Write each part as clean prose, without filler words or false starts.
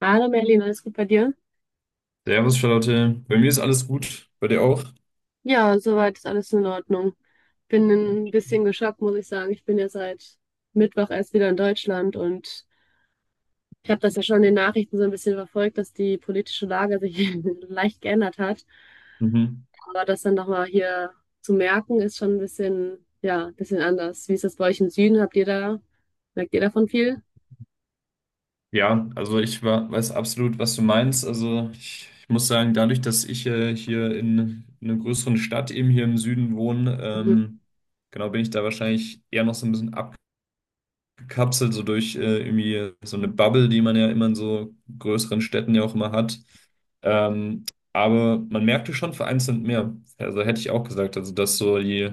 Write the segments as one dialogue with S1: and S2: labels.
S1: Hallo Merlin, alles gut bei dir?
S2: Servus, Charlotte. Bei mir ist alles gut. Bei dir auch?
S1: Ja, soweit ist alles in Ordnung. Bin ein bisschen geschockt, muss ich sagen. Ich bin ja seit Mittwoch erst wieder in Deutschland und ich habe das ja schon in den Nachrichten so ein bisschen verfolgt, dass die politische Lage sich leicht geändert hat.
S2: Mhm.
S1: Aber das dann nochmal hier zu merken, ist schon ein bisschen, ja, ein bisschen anders. Wie ist das bei euch im Süden? Habt ihr da, merkt ihr davon viel?
S2: Ja, also weiß absolut, was du meinst. Also ich muss sagen, dadurch, dass ich hier in einer größeren Stadt eben hier im Süden wohne,
S1: Mhm.
S2: genau, bin ich da wahrscheinlich eher noch so ein bisschen abgekapselt, so durch irgendwie so eine Bubble, die man ja immer in so größeren Städten ja auch immer hat. Ähm, aber man merkte schon vereinzelt mehr. Also hätte ich auch gesagt, also dass so die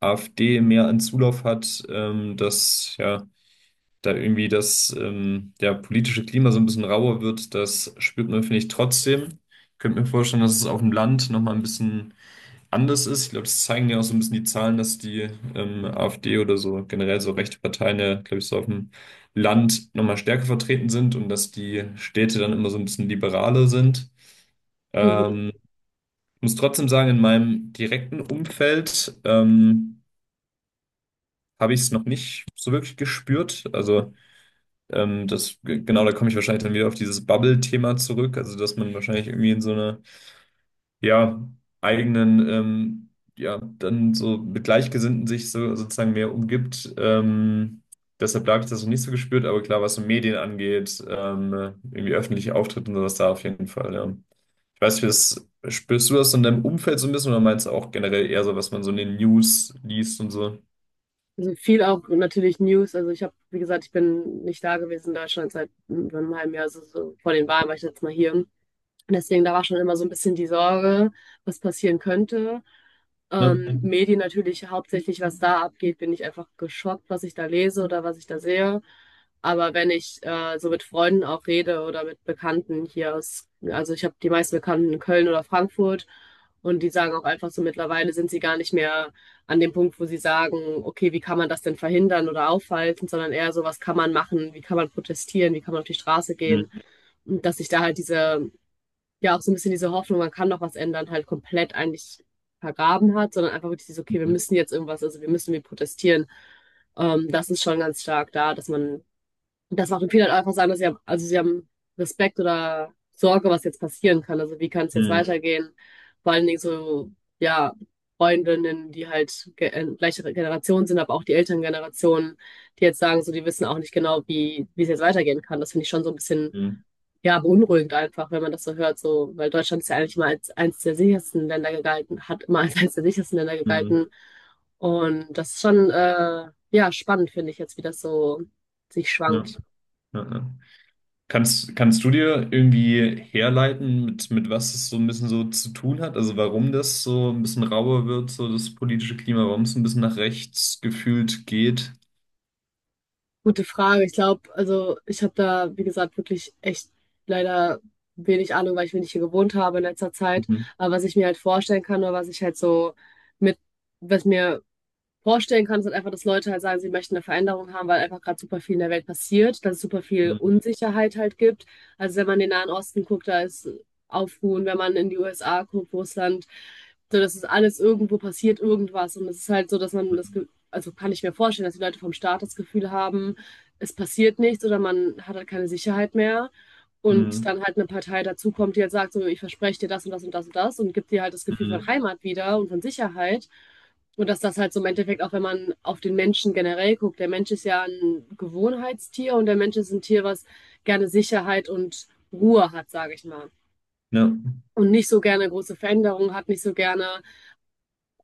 S2: AfD mehr an Zulauf hat, dass ja da irgendwie das der politische Klima so ein bisschen rauer wird, das spürt man, finde ich, trotzdem. Ich könnte mir vorstellen, dass es auf dem Land nochmal ein bisschen anders ist. Ich glaube, das zeigen ja auch so ein bisschen die Zahlen, dass die AfD oder so generell so rechte Parteien ja, glaube ich, so auf dem Land nochmal stärker vertreten sind und dass die Städte dann immer so ein bisschen liberaler sind.
S1: Mhm.
S2: Ähm, Ich muss trotzdem sagen, in meinem direkten Umfeld habe ich es noch nicht so wirklich gespürt. Also genau, da komme ich wahrscheinlich dann wieder auf dieses Bubble-Thema zurück, also dass man wahrscheinlich irgendwie in so einer, ja, eigenen, ja, dann so mit Gleichgesinnten sich so sozusagen mehr umgibt. Deshalb habe ich das noch nicht so gespürt, aber klar, was so Medien angeht, irgendwie öffentliche Auftritte und sowas da auf jeden Fall, ja. Ich weiß nicht, wie das, spürst du das in deinem Umfeld so ein bisschen oder meinst du auch generell eher so, was man so in den News liest und so?
S1: Also viel auch natürlich News. Also ich habe, wie gesagt, ich bin nicht da gewesen in Deutschland seit über einem halben Jahr, also so vor den Wahlen war ich jetzt mal hier. Und deswegen, da war schon immer so ein bisschen die Sorge, was passieren könnte.
S2: Ne?
S1: Medien natürlich hauptsächlich, was da abgeht, bin ich einfach geschockt, was ich da lese oder was ich da sehe. Aber wenn ich so mit Freunden auch rede oder mit Bekannten hier aus, also ich habe die meisten Bekannten in Köln oder Frankfurt und die sagen auch einfach so, mittlerweile sind sie gar nicht mehr an dem Punkt, wo sie sagen, okay, wie kann man das denn verhindern oder aufhalten, sondern eher so, was kann man machen, wie kann man protestieren, wie kann man auf die Straße gehen.
S2: Mhm.
S1: Und dass sich da halt diese ja auch so ein bisschen diese Hoffnung, man kann noch was ändern, halt komplett eigentlich vergraben hat, sondern einfach wirklich dieses, okay, wir
S2: Mhm.
S1: müssen jetzt irgendwas, also wir müssen wir protestieren. Das ist schon ganz stark da, dass man, das macht viele halt einfach sagen, dass sie haben, also sie haben Respekt oder Sorge, was jetzt passieren kann. Also wie kann es jetzt weitergehen? Vor allen Dingen so, ja, Freundinnen, die halt ge gleiche Generation sind, aber auch die älteren Generationen, die jetzt sagen, so, die wissen auch nicht genau, wie es jetzt weitergehen kann. Das finde ich schon so ein bisschen
S2: Mhm.
S1: ja, beunruhigend einfach, wenn man das so hört, so, weil Deutschland ist ja eigentlich immer als eines der sichersten Länder gegalten, hat immer als eines der sichersten Länder
S2: Mhm.
S1: gegalten. Und das ist schon, ja, spannend, finde ich jetzt, wie das so sich
S2: Ja.
S1: schwankt.
S2: Ja. Ja. Kannst du dir irgendwie herleiten, mit was es so ein bisschen so zu tun hat? Also warum das so ein bisschen rauer wird, so das politische Klima, warum es ein bisschen nach rechts gefühlt geht?
S1: Gute Frage. Ich glaube, also ich habe da, wie gesagt, wirklich echt leider wenig Ahnung, weil ich wenig hier gewohnt habe in letzter Zeit.
S2: Mhm.
S1: Aber was ich mir halt vorstellen kann oder was ich halt so mit, was mir vorstellen kann, ist halt einfach, dass Leute halt sagen, sie möchten eine Veränderung haben, weil einfach gerade super viel in der Welt passiert, dass es super viel
S2: Mhm.
S1: Unsicherheit halt gibt. Also wenn man in den Nahen Osten guckt, da ist Aufruhen, wenn man in die USA guckt, Russland, so das ist alles irgendwo passiert irgendwas und es ist halt so, dass man das, also kann ich mir vorstellen, dass die Leute vom Staat das Gefühl haben, es passiert nichts oder man hat halt keine Sicherheit mehr. Und
S2: Mhm.
S1: dann halt eine Partei dazukommt, die halt sagt, so, ich verspreche dir das und das und das und das und gibt dir halt das Gefühl von
S2: Mhm.
S1: Heimat wieder und von Sicherheit. Und dass das halt so im Endeffekt auch, wenn man auf den Menschen generell guckt, der Mensch ist ja ein Gewohnheitstier und der Mensch ist ein Tier, was gerne Sicherheit und Ruhe hat, sage ich mal.
S2: Ja. Mhm.
S1: Und nicht so gerne große Veränderungen hat, nicht so gerne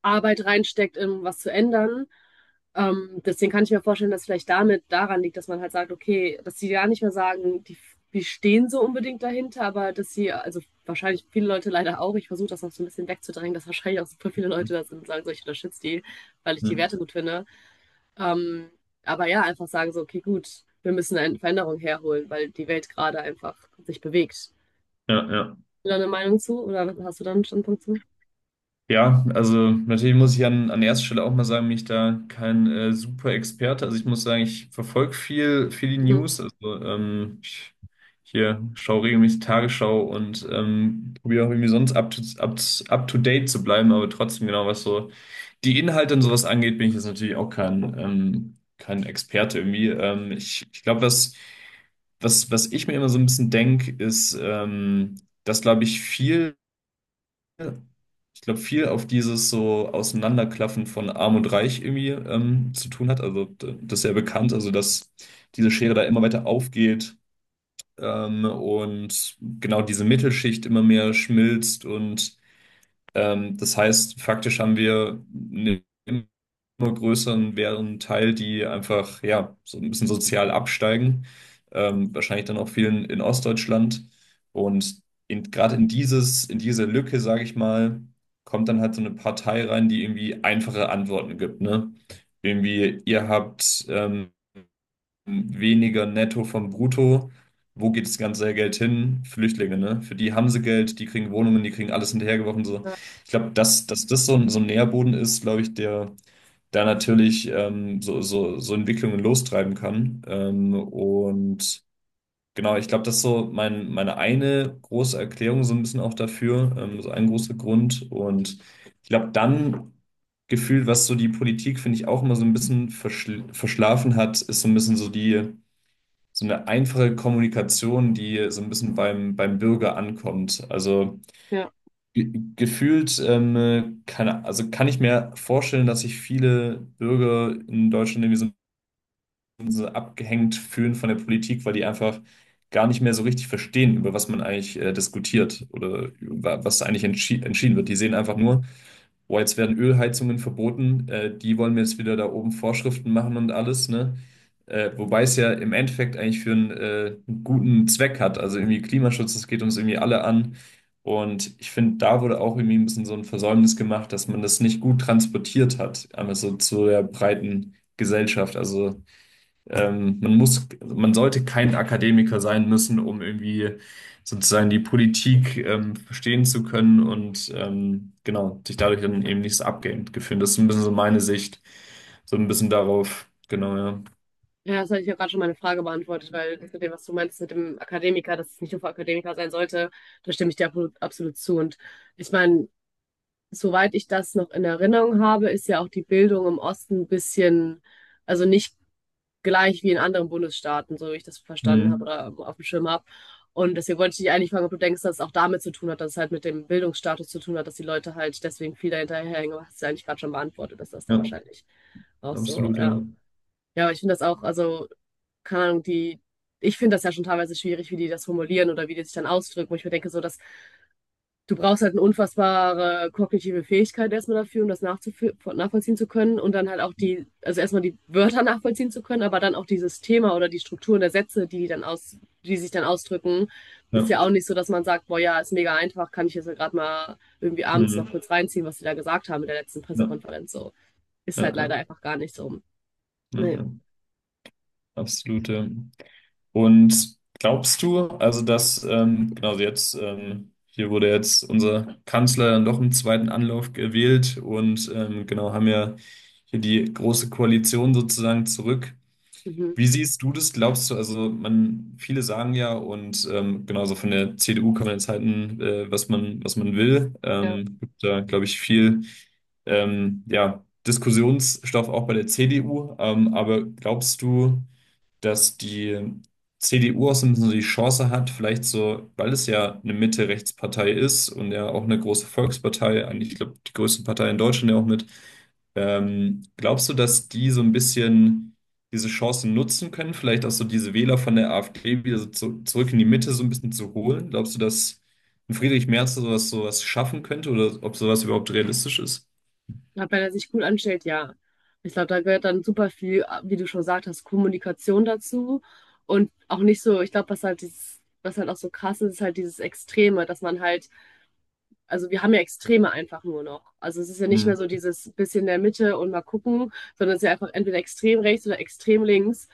S1: Arbeit reinsteckt, um was zu ändern. Deswegen kann ich mir vorstellen, dass vielleicht damit daran liegt, dass man halt sagt, okay, dass sie gar nicht mehr sagen, die stehen so unbedingt dahinter, aber dass sie, also wahrscheinlich viele Leute leider auch, ich versuche das noch so ein bisschen wegzudrängen, dass wahrscheinlich auch super viele Leute da sind und sagen, so ich unterstütze die, weil ich die
S2: Mhm.
S1: Werte gut finde. Ähm, aber ja, einfach sagen so, okay, gut, wir müssen eine Veränderung herholen, weil die Welt gerade einfach sich bewegt. Hast
S2: Ja, ja.
S1: du da eine Meinung zu oder hast du da einen Standpunkt zu?
S2: Ja, also natürlich muss ich an erster Stelle auch mal sagen, bin ich da kein super Experte. Also ich muss sagen, ich verfolge viel die
S1: Mhm.
S2: News. Also ich hier schaue regelmäßig Tagesschau und probiere auch irgendwie sonst up to date zu bleiben, aber trotzdem genau, was so die Inhalte und sowas angeht, bin ich jetzt natürlich auch kein, kein Experte irgendwie. Ich glaube, was ich mir immer so ein bisschen denke, ist, dass, glaube ich, viel ja. Ich glaube, viel auf dieses so Auseinanderklaffen von Arm und Reich irgendwie zu tun hat. Das ist ja bekannt, also dass diese Schere da immer weiter aufgeht und genau diese Mittelschicht immer mehr schmilzt und das heißt, faktisch haben wir eine immer größeren wären Teil, die einfach ja so ein bisschen sozial absteigen. Wahrscheinlich dann auch vielen in Ostdeutschland. Und gerade in diese Lücke, sage ich mal, kommt dann halt so eine Partei rein, die irgendwie einfache Antworten gibt, ne? Irgendwie, ihr habt weniger netto vom Brutto. Wo geht das ganze Geld hin? Flüchtlinge, ne? Für die haben sie Geld, die kriegen Wohnungen, die kriegen alles hinterhergeworfen. So.
S1: Ja,
S2: Ich glaube, dass das so ein Nährboden ist, glaube ich, der da natürlich so Entwicklungen lostreiben kann. Und genau, ich glaube, das ist so meine eine große Erklärung so ein bisschen auch dafür, so ein großer Grund. Und ich glaube, dann gefühlt, was so die Politik, finde ich, auch immer so ein bisschen verschlafen hat, ist so ein bisschen so die so eine einfache Kommunikation, die so ein bisschen beim Bürger ankommt. Also
S1: ja.
S2: ge gefühlt also kann ich mir vorstellen, dass sich viele Bürger in Deutschland irgendwie so, ein bisschen so abgehängt fühlen von der Politik, weil die einfach gar nicht mehr so richtig verstehen, über was man eigentlich diskutiert oder über was eigentlich entschieden wird. Die sehen einfach nur, boah, jetzt werden Ölheizungen verboten, die wollen mir jetzt wieder da oben Vorschriften machen und alles, ne? Wobei es ja im Endeffekt eigentlich für einen guten Zweck hat. Also irgendwie Klimaschutz, das geht uns irgendwie alle an. Und ich finde, da wurde auch irgendwie ein bisschen so ein Versäumnis gemacht, dass man das nicht gut transportiert hat, einmal so zu der breiten Gesellschaft. Also man sollte kein Akademiker sein müssen, um irgendwie sozusagen die Politik verstehen zu können und genau, sich dadurch dann eben nicht so abgehängt gefühlt. Das ist ein bisschen so meine Sicht, so ein bisschen darauf, genau, ja.
S1: Ja, das hatte ich ja gerade schon meine Frage beantwortet, weil mit dem, was du meinst mit dem Akademiker, dass es nicht nur für Akademiker sein sollte, da stimme ich dir absolut, absolut zu. Und ich meine, soweit ich das noch in Erinnerung habe, ist ja auch die Bildung im Osten ein bisschen, also nicht gleich wie in anderen Bundesstaaten, so wie ich das verstanden habe
S2: Hm,
S1: oder auf dem Schirm habe. Und deswegen wollte ich dich eigentlich fragen, ob du denkst, dass es auch damit zu tun hat, dass es halt mit dem Bildungsstatus zu tun hat, dass die Leute halt deswegen viel dahinterherhängen. Aber hast du ja eigentlich gerade schon beantwortet, dass das da
S2: ja,
S1: wahrscheinlich auch so,
S2: absolut, ja.
S1: ja. Ja, aber ich finde das auch, also, keine Ahnung, die, ich finde das ja schon teilweise schwierig, wie die das formulieren oder wie die sich dann ausdrücken. Wo ich mir denke, so, das du brauchst halt eine unfassbare kognitive Fähigkeit erstmal dafür, um das nachvollziehen zu können und dann halt auch die, also erstmal die Wörter nachvollziehen zu können, aber dann auch dieses Thema oder die Strukturen der Sätze, die sich dann ausdrücken, ist
S2: Ja,
S1: ja auch nicht so, dass man sagt, boah, ja, ist mega einfach, kann ich jetzt gerade mal irgendwie abends noch
S2: hm,
S1: kurz reinziehen, was sie da gesagt haben in der letzten
S2: ja,
S1: Pressekonferenz, so. Ist
S2: ja,
S1: halt leider
S2: ja,
S1: einfach gar nicht so.
S2: ja,
S1: Nee.
S2: ja, absolut, ja. Und glaubst du, also dass, genau also jetzt, hier wurde jetzt unser Kanzler dann doch im zweiten Anlauf gewählt und genau haben ja hier die große Koalition sozusagen zurück.
S1: Mhm.
S2: Wie siehst du das? Glaubst du, also man, viele sagen ja und genauso von der CDU kann man jetzt halten, was was man will.
S1: Ja.
S2: Gibt da, glaube ich, viel ja, Diskussionsstoff auch bei der CDU. Aber glaubst du, dass die CDU auch so ein bisschen so die Chance hat, vielleicht so, weil es ja eine Mitte-Rechts-Partei ist und ja auch eine große Volkspartei, eigentlich, ich glaube, die größte Partei in Deutschland ja auch mit. Glaubst du, dass die so ein bisschen diese Chancen nutzen können, vielleicht auch so diese Wähler von der AfD wieder zurück in die Mitte so ein bisschen zu holen? Glaubst du, dass ein Friedrich Merz sowas schaffen könnte oder ob sowas überhaupt realistisch ist?
S1: Ja, wenn er sich gut anstellt, ja. Ich glaube, da gehört dann super viel, wie du schon gesagt hast, Kommunikation dazu. Und auch nicht so, ich glaube, was halt dieses, was halt auch so krass ist, ist halt dieses Extreme, dass man halt, also wir haben ja Extreme einfach nur noch. Also es ist ja nicht mehr
S2: Hm,
S1: so dieses bisschen in der Mitte und mal gucken, sondern es ist ja einfach entweder extrem rechts oder extrem links.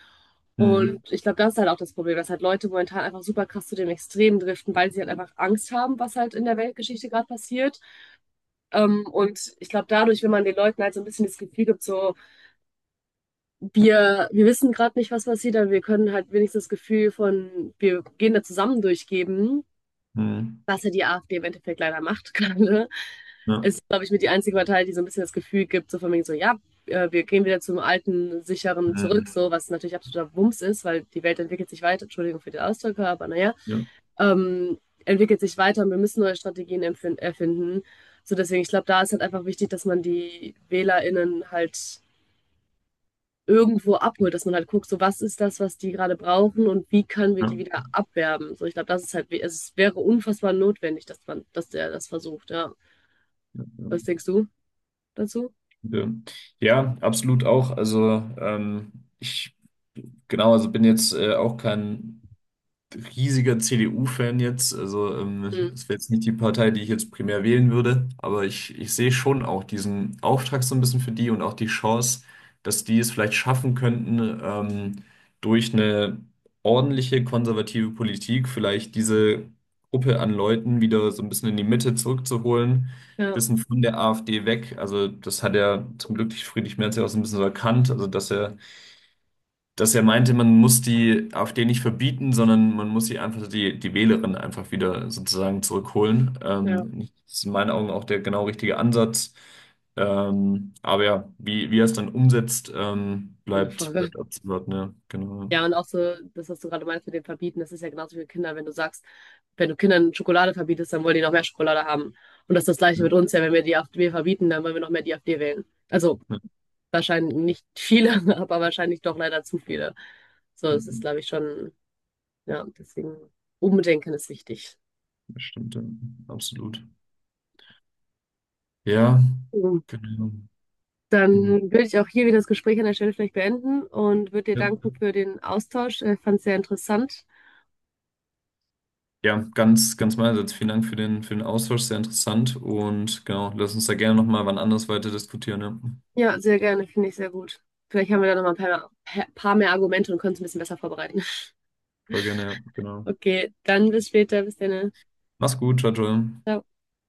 S1: Und
S2: hm,
S1: ich glaube, das ist halt auch das Problem, dass halt Leute momentan einfach super krass zu dem Extrem driften, weil sie halt einfach Angst haben, was halt in der Weltgeschichte gerade passiert und ich glaube, dadurch, wenn man den Leuten halt so ein bisschen das Gefühl gibt, so, wir wissen gerade nicht, was passiert, aber wir können halt wenigstens das Gefühl von, wir gehen da zusammen durchgeben,
S2: hm,
S1: was ja die AfD im Endeffekt leider macht gerade,
S2: ja,
S1: ist, glaube ich, mit die einzige Partei, die so ein bisschen das Gefühl gibt, so von wegen so, ja, wir gehen wieder zum alten, sicheren zurück,
S2: hm,
S1: so, was natürlich absoluter Wumms ist, weil die Welt entwickelt sich weiter, Entschuldigung für den Ausdruck, aber naja.
S2: ja,
S1: ähm, entwickelt sich weiter und wir müssen neue Strategien erfinden. So deswegen, ich glaube, da ist halt einfach wichtig, dass man die WählerInnen halt irgendwo abholt, dass man halt guckt, so was ist das, was die gerade brauchen und wie können wir die wieder abwerben. So, ich glaube, das ist halt, also es wäre unfassbar notwendig, dass man, dass der das versucht, ja.
S2: ja.
S1: Was denkst du dazu?
S2: Ja, Ja, absolut auch. Also ich genau, also bin jetzt auch kein riesiger CDU-Fan jetzt. Also
S1: Mhm.
S2: es wäre jetzt nicht die Partei, die ich jetzt primär wählen würde, aber ich sehe schon auch diesen Auftrag so ein bisschen für die und auch die Chance, dass die es vielleicht schaffen könnten, durch eine ordentliche konservative Politik vielleicht diese Gruppe an Leuten wieder so ein bisschen in die Mitte zurückzuholen.
S1: Ja,
S2: Bisschen von der AfD weg. Also, das hat ja zum Glück Friedrich Merz ja auch so ein bisschen so erkannt. Also, dass er meinte, man muss die AfD nicht verbieten, sondern man muss sie einfach die Wählerin einfach wieder sozusagen zurückholen.
S1: ja.
S2: Das ist in meinen Augen auch der genau richtige Ansatz. Aber ja, wie er es dann umsetzt,
S1: Eine Frage.
S2: bleibt abzuwarten, ja, genau.
S1: Ja, und auch so, das, was du gerade meinst mit dem Verbieten, das ist ja genauso wie Kinder wenn du sagst, wenn du Kindern Schokolade verbietest, dann wollen die noch mehr Schokolade haben. Und das ist das Gleiche
S2: Ja,
S1: mit
S2: ja,
S1: uns ja, wenn wir die AfD verbieten, dann wollen wir noch mehr die AfD wählen. Also wahrscheinlich nicht viele, aber wahrscheinlich doch leider zu viele. So,
S2: ja,
S1: es ist, glaube ich, schon, ja, deswegen Umdenken ist wichtig.
S2: das stimmt, ja, absolut. Ja,
S1: So,
S2: genau. Mhm.
S1: dann würde ich auch hier wieder das Gespräch an der Stelle vielleicht beenden und würde dir
S2: Ja.
S1: danken für den Austausch. Ich fand es sehr interessant.
S2: Ja, ganz meinerseits. Vielen Dank für für den Austausch, sehr interessant. Und genau, lass uns da gerne nochmal wann anders weiter diskutieren. Ja.
S1: Ja, sehr gerne, finde ich sehr gut. Vielleicht haben wir da noch mal ein paar mehr Argumente und können es ein bisschen besser vorbereiten.
S2: Voll gerne, ja, genau.
S1: Okay, dann bis später, bis dann.
S2: Mach's gut, ciao, ciao.
S1: Ciao.